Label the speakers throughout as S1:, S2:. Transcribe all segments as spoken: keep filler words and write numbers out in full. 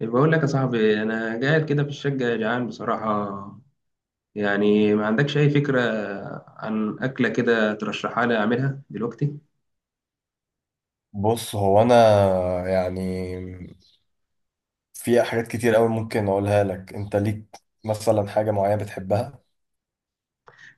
S1: بقول لك يا صاحبي، انا قاعد كده في الشقه جعان بصراحه. يعني ما عندكش اي فكره عن اكله كده ترشحها لي اعملها دلوقتي؟
S2: بص هو انا يعني، في حاجات كتير قوي ممكن اقولها لك. انت ليك مثلا حاجة معينة بتحبها.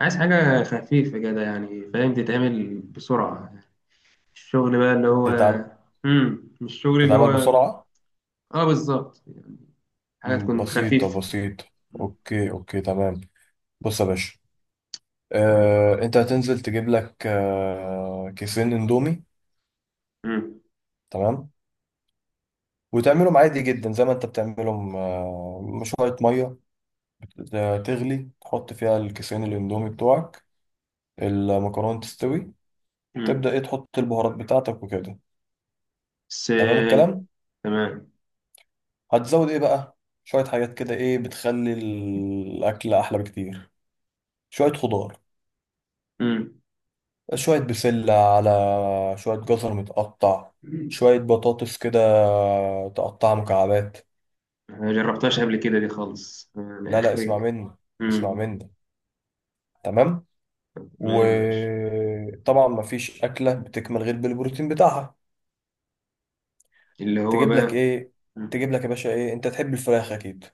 S1: عايز حاجه خفيفه كده، يعني فاهم، تتعمل بسرعه. الشغل بقى اللي هو.
S2: بتتعمل
S1: امم مش الشغل اللي
S2: بتتعمل
S1: هو.
S2: بسرعة.
S1: اه بالظبط. حاجه
S2: م،
S1: تكون
S2: بسيطة
S1: خفيفه.
S2: بسيطة.
S1: مم.
S2: اوكي، اوكي، تمام. بص يا باشا،
S1: ماشي.
S2: آه، انت هتنزل تجيب لك آه، كيسين اندومي.
S1: امم.
S2: تمام. وتعملهم عادي جدا زي ما انت بتعملهم. آه، شوية مية تغلي، تحط فيها الكيسين الاندومي بتوعك. المكرونة تستوي،
S1: امم.
S2: تبدأ ايه تحط البهارات بتاعتك وكده.
S1: بس
S2: تمام
S1: آه،
S2: الكلام.
S1: تمام.
S2: هتزود ايه بقى؟ شوية حاجات كده ايه بتخلي الأكل أحلى بكتير. شوية خضار،
S1: امم.
S2: شوية بسلة، على شوية جزر متقطع، شوية بطاطس كده تقطعها مكعبات.
S1: ما جربتهاش قبل كده دي خالص، يعني
S2: لا لا، اسمع
S1: اخرج.
S2: مني. اسمع
S1: امم.
S2: مني. تمام.
S1: تمام، ماشي.
S2: وطبعا مفيش أكلة بتكمل غير بالبروتين بتاعها.
S1: اللي هو
S2: تجيب لك
S1: بقى.
S2: ايه؟
S1: مم.
S2: تجيب لك يا باشا ايه؟ انت تحب الفراخ أكيد.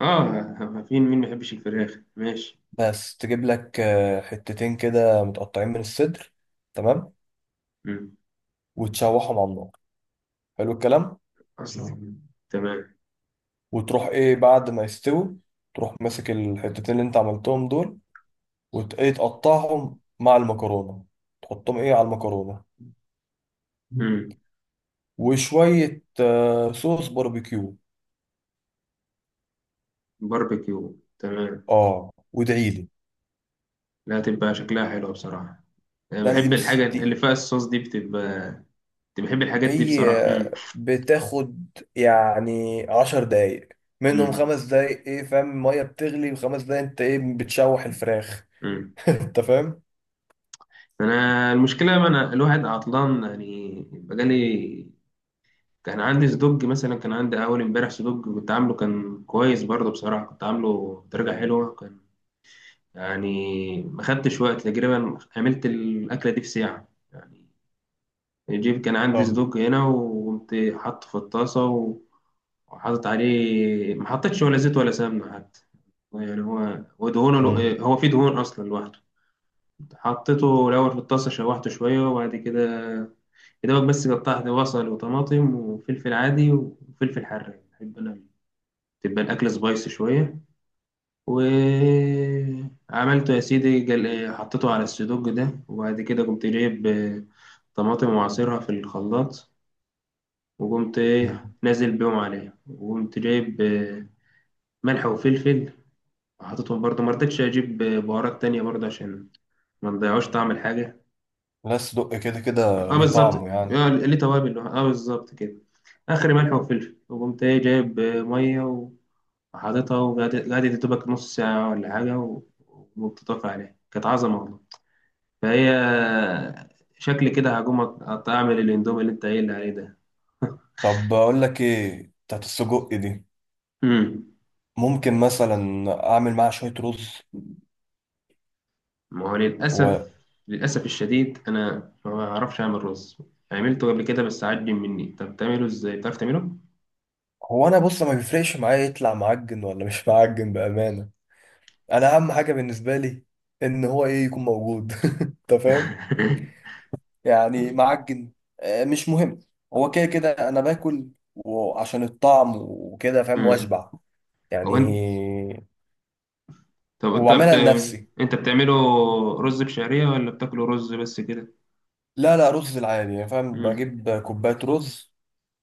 S1: اه، فين مين ما يحبش الفراخ؟ ماشي.
S2: بس تجيب لك آه، حتتين كده متقطعين من الصدر. تمام.
S1: مم. الله.
S2: وتشوحهم على النار. حلو الكلام.
S1: اصلا. تمام.
S2: وتروح ايه بعد ما يستوي، تروح ماسك الحتتين اللي انت عملتهم دول، وت- ايه تقطعهم مع المكرونة، تحطهم ايه على المكرونة.
S1: مم.
S2: وشوية آه، صوص باربيكيو.
S1: باربيكيو، تمام.
S2: اه، وادعيلي.
S1: لا، تبقى شكلها حلو بصراحة. انا
S2: لا، انا دي
S1: بحب الحاجة
S2: بص
S1: اللي
S2: دي
S1: فيها الصوص دي بتبقى. كنت بحب الحاجات دي
S2: هي
S1: بصراحة. مم.
S2: بتاخد يعني عشر دقايق، منهم
S1: مم.
S2: خمس دقايق ايه فاهم المية بتغلي، وخمس دقايق انت ايه بتشوح الفراخ.
S1: مم.
S2: انت فاهم.
S1: انا المشكلة، ما انا الواحد عطلان يعني، بقالي كان عندي صدق مثلا، كان عندي اول امبارح صدق كنت عامله، كان كويس برضه بصراحة، كنت عامله درجة حلوة كان. يعني ما خدتش وقت تقريبا، عملت الأكلة دي في ساعة يعني. الجيب كان عندي
S2: طب.
S1: صدوق هنا وقمت حاطه في الطاسة و- وحاطط عليه، ما حطيتش ولا زيت ولا سمنة حتى. يعني هو ودهونه
S2: مم.
S1: لو- هو فيه دهون أصلا لوحده. حطيته الأول في الطاسة، شوحته شوية، وبعد كده يا دوبك بس قطعت بصل وطماطم وفلفل عادي وفلفل حراق، بحب أنا تبقى الأكل سبايسي شوية. وعملته يا سيدي جل... حطيته على السدوج ده، وبعد كده قمت جايب آه، طماطم وعصيرها في الخلاط. وقمت ايه نازل بيهم عليه، وقمت جايب آه، ملح وفلفل، وحطيتهم برضه. ما رضيتش اجيب آه، بهارات تانية برضه عشان ما نضيعوش طعم الحاجة.
S2: بس دق كده كده
S1: اه
S2: ليه
S1: بالظبط.
S2: طعمه يعني.
S1: آه، ليه توابل، اه بالظبط كده. اخر ملح وفلفل، وقمت ايه جايب آه، مية وحاططها، وقعدت قعدت يا دوبك نص ساعة ولا حاجة و- وبتطفي عليها كانت عظمة والله. فهي آه، شكل كده هقوم أط- أعمل الإندومي اللي أنت قايل لي عليه ده.
S2: طب بقول لك ايه بتاعت السجق دي،
S1: مم.
S2: ممكن مثلا اعمل معاها شويه رز
S1: ما هو للأسف،
S2: و...
S1: للأسف الشديد أنا ما بعرفش أعمل رز. عملته قبل كده بس عجن مني. طب تعمله إزاي؟ بتعرف تعمله؟
S2: هو انا بص، ما بيفرقش معايا يطلع معجن ولا مش معجن، بامانه. انا اهم حاجه بالنسبه لي ان هو ايه يكون موجود. انت فاهم؟ يعني معجن آه، مش مهم. هو كده كده انا باكل، وعشان الطعم وكده فاهم
S1: أمم.
S2: واشبع يعني.
S1: هو أنت. طب أنت بت...
S2: وبعملها لنفسي.
S1: أنت بتعمله رز بشعرية ولا بتاكله رز بس كده؟
S2: لا لا، رز العادي يعني فاهم.
S1: أمم.
S2: بجيب كوبايه رز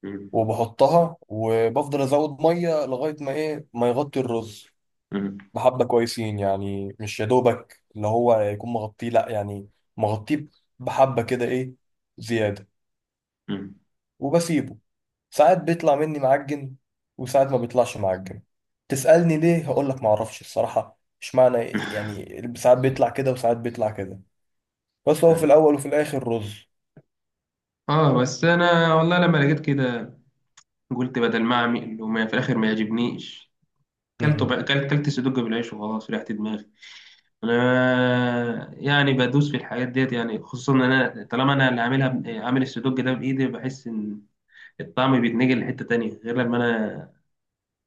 S1: أمم.
S2: وبحطها وبفضل ازود ميه لغايه ما ايه ما يغطي الرز.
S1: أمم.
S2: بحبه كويسين يعني، مش يا دوبك اللي هو يكون مغطيه، لا يعني، مغطيه. بحبه كده، ايه، زياده.
S1: أمم.
S2: وبسيبه. ساعات بيطلع مني معجن، وساعات ما بيطلعش معجن. تسألني ليه؟ هقول لك، ما اعرفش الصراحه اشمعنى، يعني ساعات بيطلع كده وساعات بيطلع كده. بس هو في
S1: أمم.
S2: الاول وفي الاخر رز.
S1: آه، بس أنا والله لما لقيت كده، قلت بدل ما أعمل وما في الآخر ما يعجبنيش، كلته
S2: امم.
S1: بقى. كلت كلت سدوج بالعيش وخلاص، ريحت دماغي. انا يعني بدوس في الحاجات ديت يعني، خصوصا ان انا طالما انا اللي عاملها ب- عامل السدوج ده بايدي، بحس ان الطعم بيتنقل لحته تانية، غير لما انا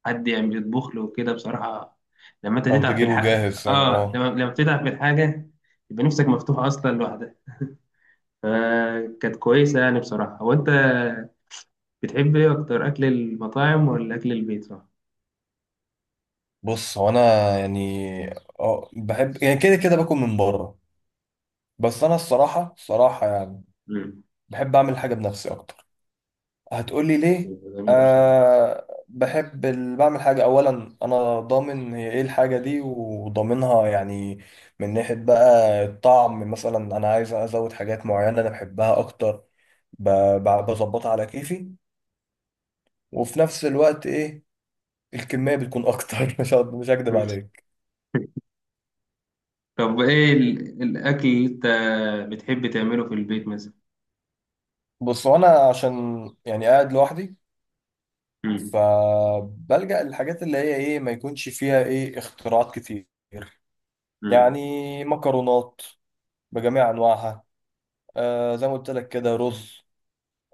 S1: حد يعمل يطبخ له وكده بصراحه. لما انت
S2: او
S1: تتعب في
S2: تجيبه
S1: الحاجه،
S2: جاهز،
S1: اه، لما
S2: اه.
S1: لما بتتعب في الحاجه يبقى نفسك مفتوحه اصلا لوحدها. فكانت كويسه يعني بصراحه. هو انت بتحب ايه اكتر، اكل المطاعم ولا اكل البيت، صح؟
S2: بص هو انا يعني، اه بحب يعني كده كده باكل من بره. بس انا الصراحه، الصراحه يعني
S1: امم.
S2: بحب اعمل حاجه بنفسي اكتر. هتقولي ليه؟
S1: جميله بصراحه.
S2: أه، بحب ال... بعمل حاجه. اولا انا ضامن هي ايه الحاجه دي وضامنها يعني. من ناحيه بقى الطعم، مثلا انا عايز ازود حاجات معينه انا بحبها اكتر. ب... ب- بظبطها على كيفي. وفي نفس الوقت ايه الكميه بتكون اكتر. مش هقد- مش هكدب عليك.
S1: طب، ايه ال- الاكل اللي انت بتحب تعمله في البيت مثلا؟
S2: بص هو انا عشان يعني قاعد لوحدي،
S1: مم.
S2: فبلجأ للحاجات اللي هي ايه ما يكونش فيها ايه اختراعات كتير.
S1: مم.
S2: يعني مكرونات بجميع انواعها، آه زي ما قلت لك كده رز،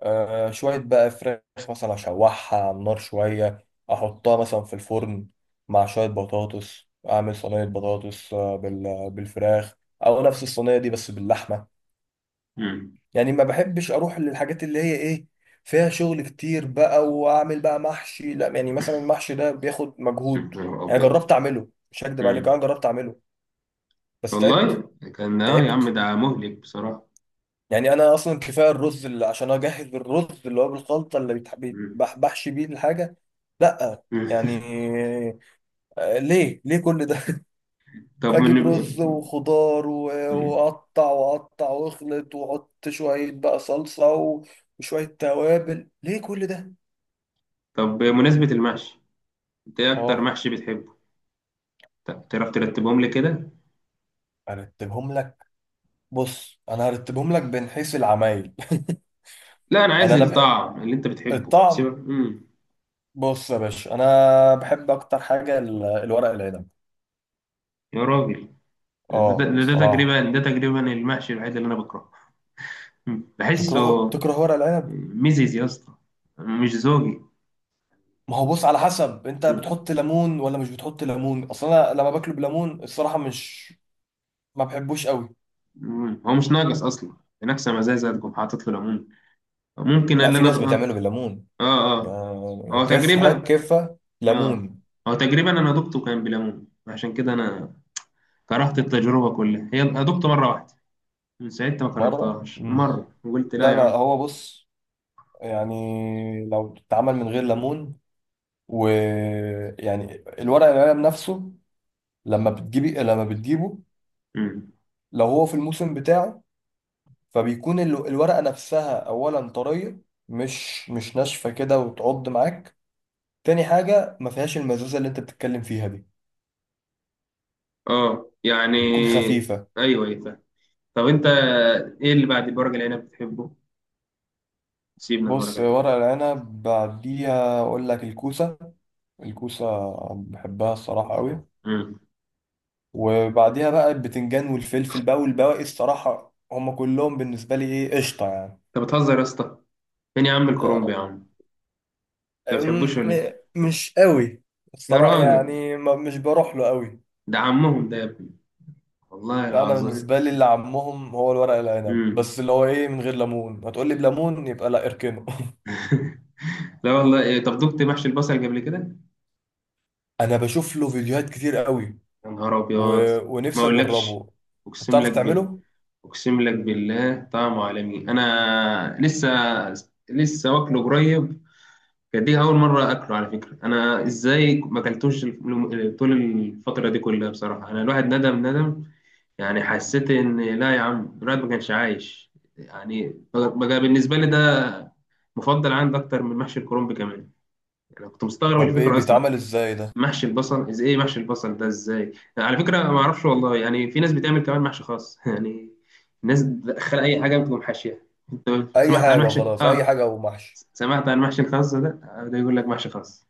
S2: آه شوية بقى فراخ مثلا اشوحها على النار شوية، احطها مثلا في الفرن مع شوية بطاطس، اعمل صينية بطاطس آه، بال- بالفراخ، او نفس الصينية دي بس باللحمة.
S1: مم.
S2: يعني ما بحبش اروح للحاجات اللي هي ايه فيها شغل كتير بقى واعمل بقى محشي، لا يعني، مثلا المحشي ده بياخد
S1: يا
S2: مجهود.
S1: نهار
S2: انا
S1: أبيض.
S2: جربت اعمله، مش هكدب عليك،
S1: مم.
S2: انا جربت اعمله بس تعبت.
S1: والله كان آه يا عم،
S2: تعبت.
S1: ده مهلك بصراحة.
S2: يعني انا اصلا كفايه الرز، اللي عشان اجهز الرز اللي هو بالخلطه اللي بيتح-
S1: مم.
S2: بيتبح- بحشي بيه الحاجه. لا
S1: مم.
S2: يعني، آه، ليه ليه كل ده؟
S1: طب
S2: اجيب رز
S1: من.
S2: وخضار و-
S1: مم.
S2: واقطع واقطع واخلط واحط شويه بقى صلصه و- وشويه توابل، ليه كل ده؟
S1: طب، بمناسبة المحشي، أنت إيه أكتر
S2: اه،
S1: محشي بتحبه؟ ت- تعرف ترتبهم لي كده؟
S2: ارتبهم لك. بص انا هرتبهم لك من حيث العمايل.
S1: لا، أنا
S2: يعني
S1: عايز
S2: انا بحب
S1: الطعم اللي أنت بتحبه
S2: الطعم.
S1: سيبك. مم.
S2: بص يا باشا، انا بحب اكتر حاجه ال- الورق العنب.
S1: يا راجل، ده,
S2: اه
S1: ده, ده
S2: الصراحه.
S1: تقريبا ده تقريبا المحشي الوحيد اللي أنا بكرهه. مم.
S2: تكرهه؟
S1: بحسه
S2: تكره ورق العنب؟
S1: ميزيز يا اسطى، مش زوجي.
S2: ما هو بص، على حسب انت
S1: مم.
S2: بتحط ليمون ولا مش بتحط ليمون. اصلا انا لما باكله بليمون الصراحه مش ما بحبوش قوي.
S1: مم. هو مش ناقص أصلا، ناقصة مزازة تقوم حاطط له ليمون. ممكن
S2: لا،
S1: اللي
S2: في
S1: انا
S2: ناس
S1: اه.
S2: بتعمله بالليمون.
S1: اه.
S2: يعني
S1: اه،
S2: كيفها
S1: تجربة.
S2: كيفها
S1: اه.
S2: ليمون.
S1: هو تجربة، انا دقته كان بليمون، عشان كده انا كرهت التجربة كلها. هي أنا دقته مرة واحدة، من ساعتها ما
S2: مره.
S1: كررتهاش
S2: مم.
S1: مرة، وقلت لا
S2: لا
S1: يا
S2: لا،
S1: عم.
S2: هو بص يعني لو اتعمل من غير ليمون، ويعني الورق العنب نفسه لما بتجيبي، لما بتجيبه
S1: مم.
S2: لو هو في الموسم بتاعه، فبيكون ال- الورقة نفسها أولا طرية، مش مش ناشفة كده وتعض معاك. تاني حاجة، ما فيهاش المزازة اللي انت بتتكلم فيها دي.
S1: اه يعني.
S2: بتكون خفيفة.
S1: ايوه، ايوه، فاهم. طب انت، ايه اللي بعد ورق العنب بتحبه؟ سيبنا من ورق
S2: بص
S1: العنب.
S2: ورق العنب بعديها أقول لك الكوسة. الكوسة بحبها الصراحة قوي.
S1: مم.
S2: وبعديها بقى البتنجان والفلفل بقى والبواقي، الصراحة هما كلهم بالنسبة لي إيه قشطة يعني.
S1: انت بتهزر يا اسطى! فين يا عم الكرنب يا عم؟ انت ما بتحبوش ولا
S2: م-
S1: ايه؟
S2: مش قوي.
S1: يا
S2: الصراحة
S1: راجل،
S2: يعني ما مش بروح له قوي.
S1: ده عمهم ده يا ابني، والله
S2: لا، انا
S1: العظيم.
S2: بالنسبة لي اللي عمهم هو الورق العنب،
S1: مم.
S2: بس اللي هو ايه من غير ليمون. هتقول لي بليمون؟ يبقى لا، اركنه.
S1: لا والله، إيه، طب دقت محشي البصل قبل كده؟
S2: انا بشوف له فيديوهات كتير قوي،
S1: يا نهار
S2: و...
S1: ابيض. ما
S2: ونفسي
S1: اقولكش،
S2: اجربه. طب
S1: اقسم
S2: بتعرف
S1: لك بال...
S2: تعمله؟
S1: اقسم لك بالله، طعم عالمي. انا لسه، لسه واكله قريب. كانت دي اول مره اكله على فكره. انا ازاي ما اكلتوش الم- طول الفتره دي كلها بصراحه؟ انا الواحد ندم ندم. يعني حسيت ان لا يا عم، الواحد ما كانش عايش يعني. بقى بقى بالنسبه لي ده مفضل عندي اكتر من محشي الكرنب كمان. انا كنت مستغرب
S2: طب ايه
S1: الفكره اصلا
S2: بيتعمل
S1: يعني.
S2: ازاي ده؟
S1: محشي البصل از ايه، محشي البصل ده ازاي على فكره؟ ما اعرفش والله. يعني في ناس بتعمل كمان محشي خاص يعني، الناس بتدخل اي حاجه بتقوم حاشيها. انت
S2: اي
S1: سمعت عن
S2: حاجة،
S1: محشي
S2: خلاص، اي
S1: اه؟
S2: حاجة ومحشي.
S1: سمعت عن محشي الخاص ده، آه، ده يقول لك محشي خاص.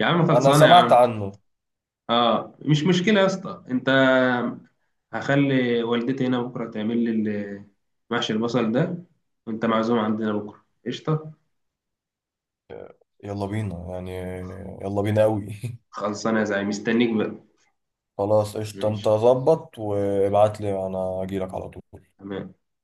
S1: يا عم،
S2: انا
S1: خلصانه يا
S2: سمعت
S1: عم.
S2: عنه.
S1: اه، مش مشكله يا اسطى. انت، هخلي والدتي هنا بكره تعمل لي ال- محشي البصل ده، وانت معزوم عندنا بكره قشطه.
S2: يلا بينا يعني. يلا بينا قوي.
S1: خلصانه يا زعيم، مستنيك بقى.
S2: خلاص قشطة، انت
S1: ماشي.
S2: ظبط وابعت لي، انا اجيلك على طول.
S1: تمام.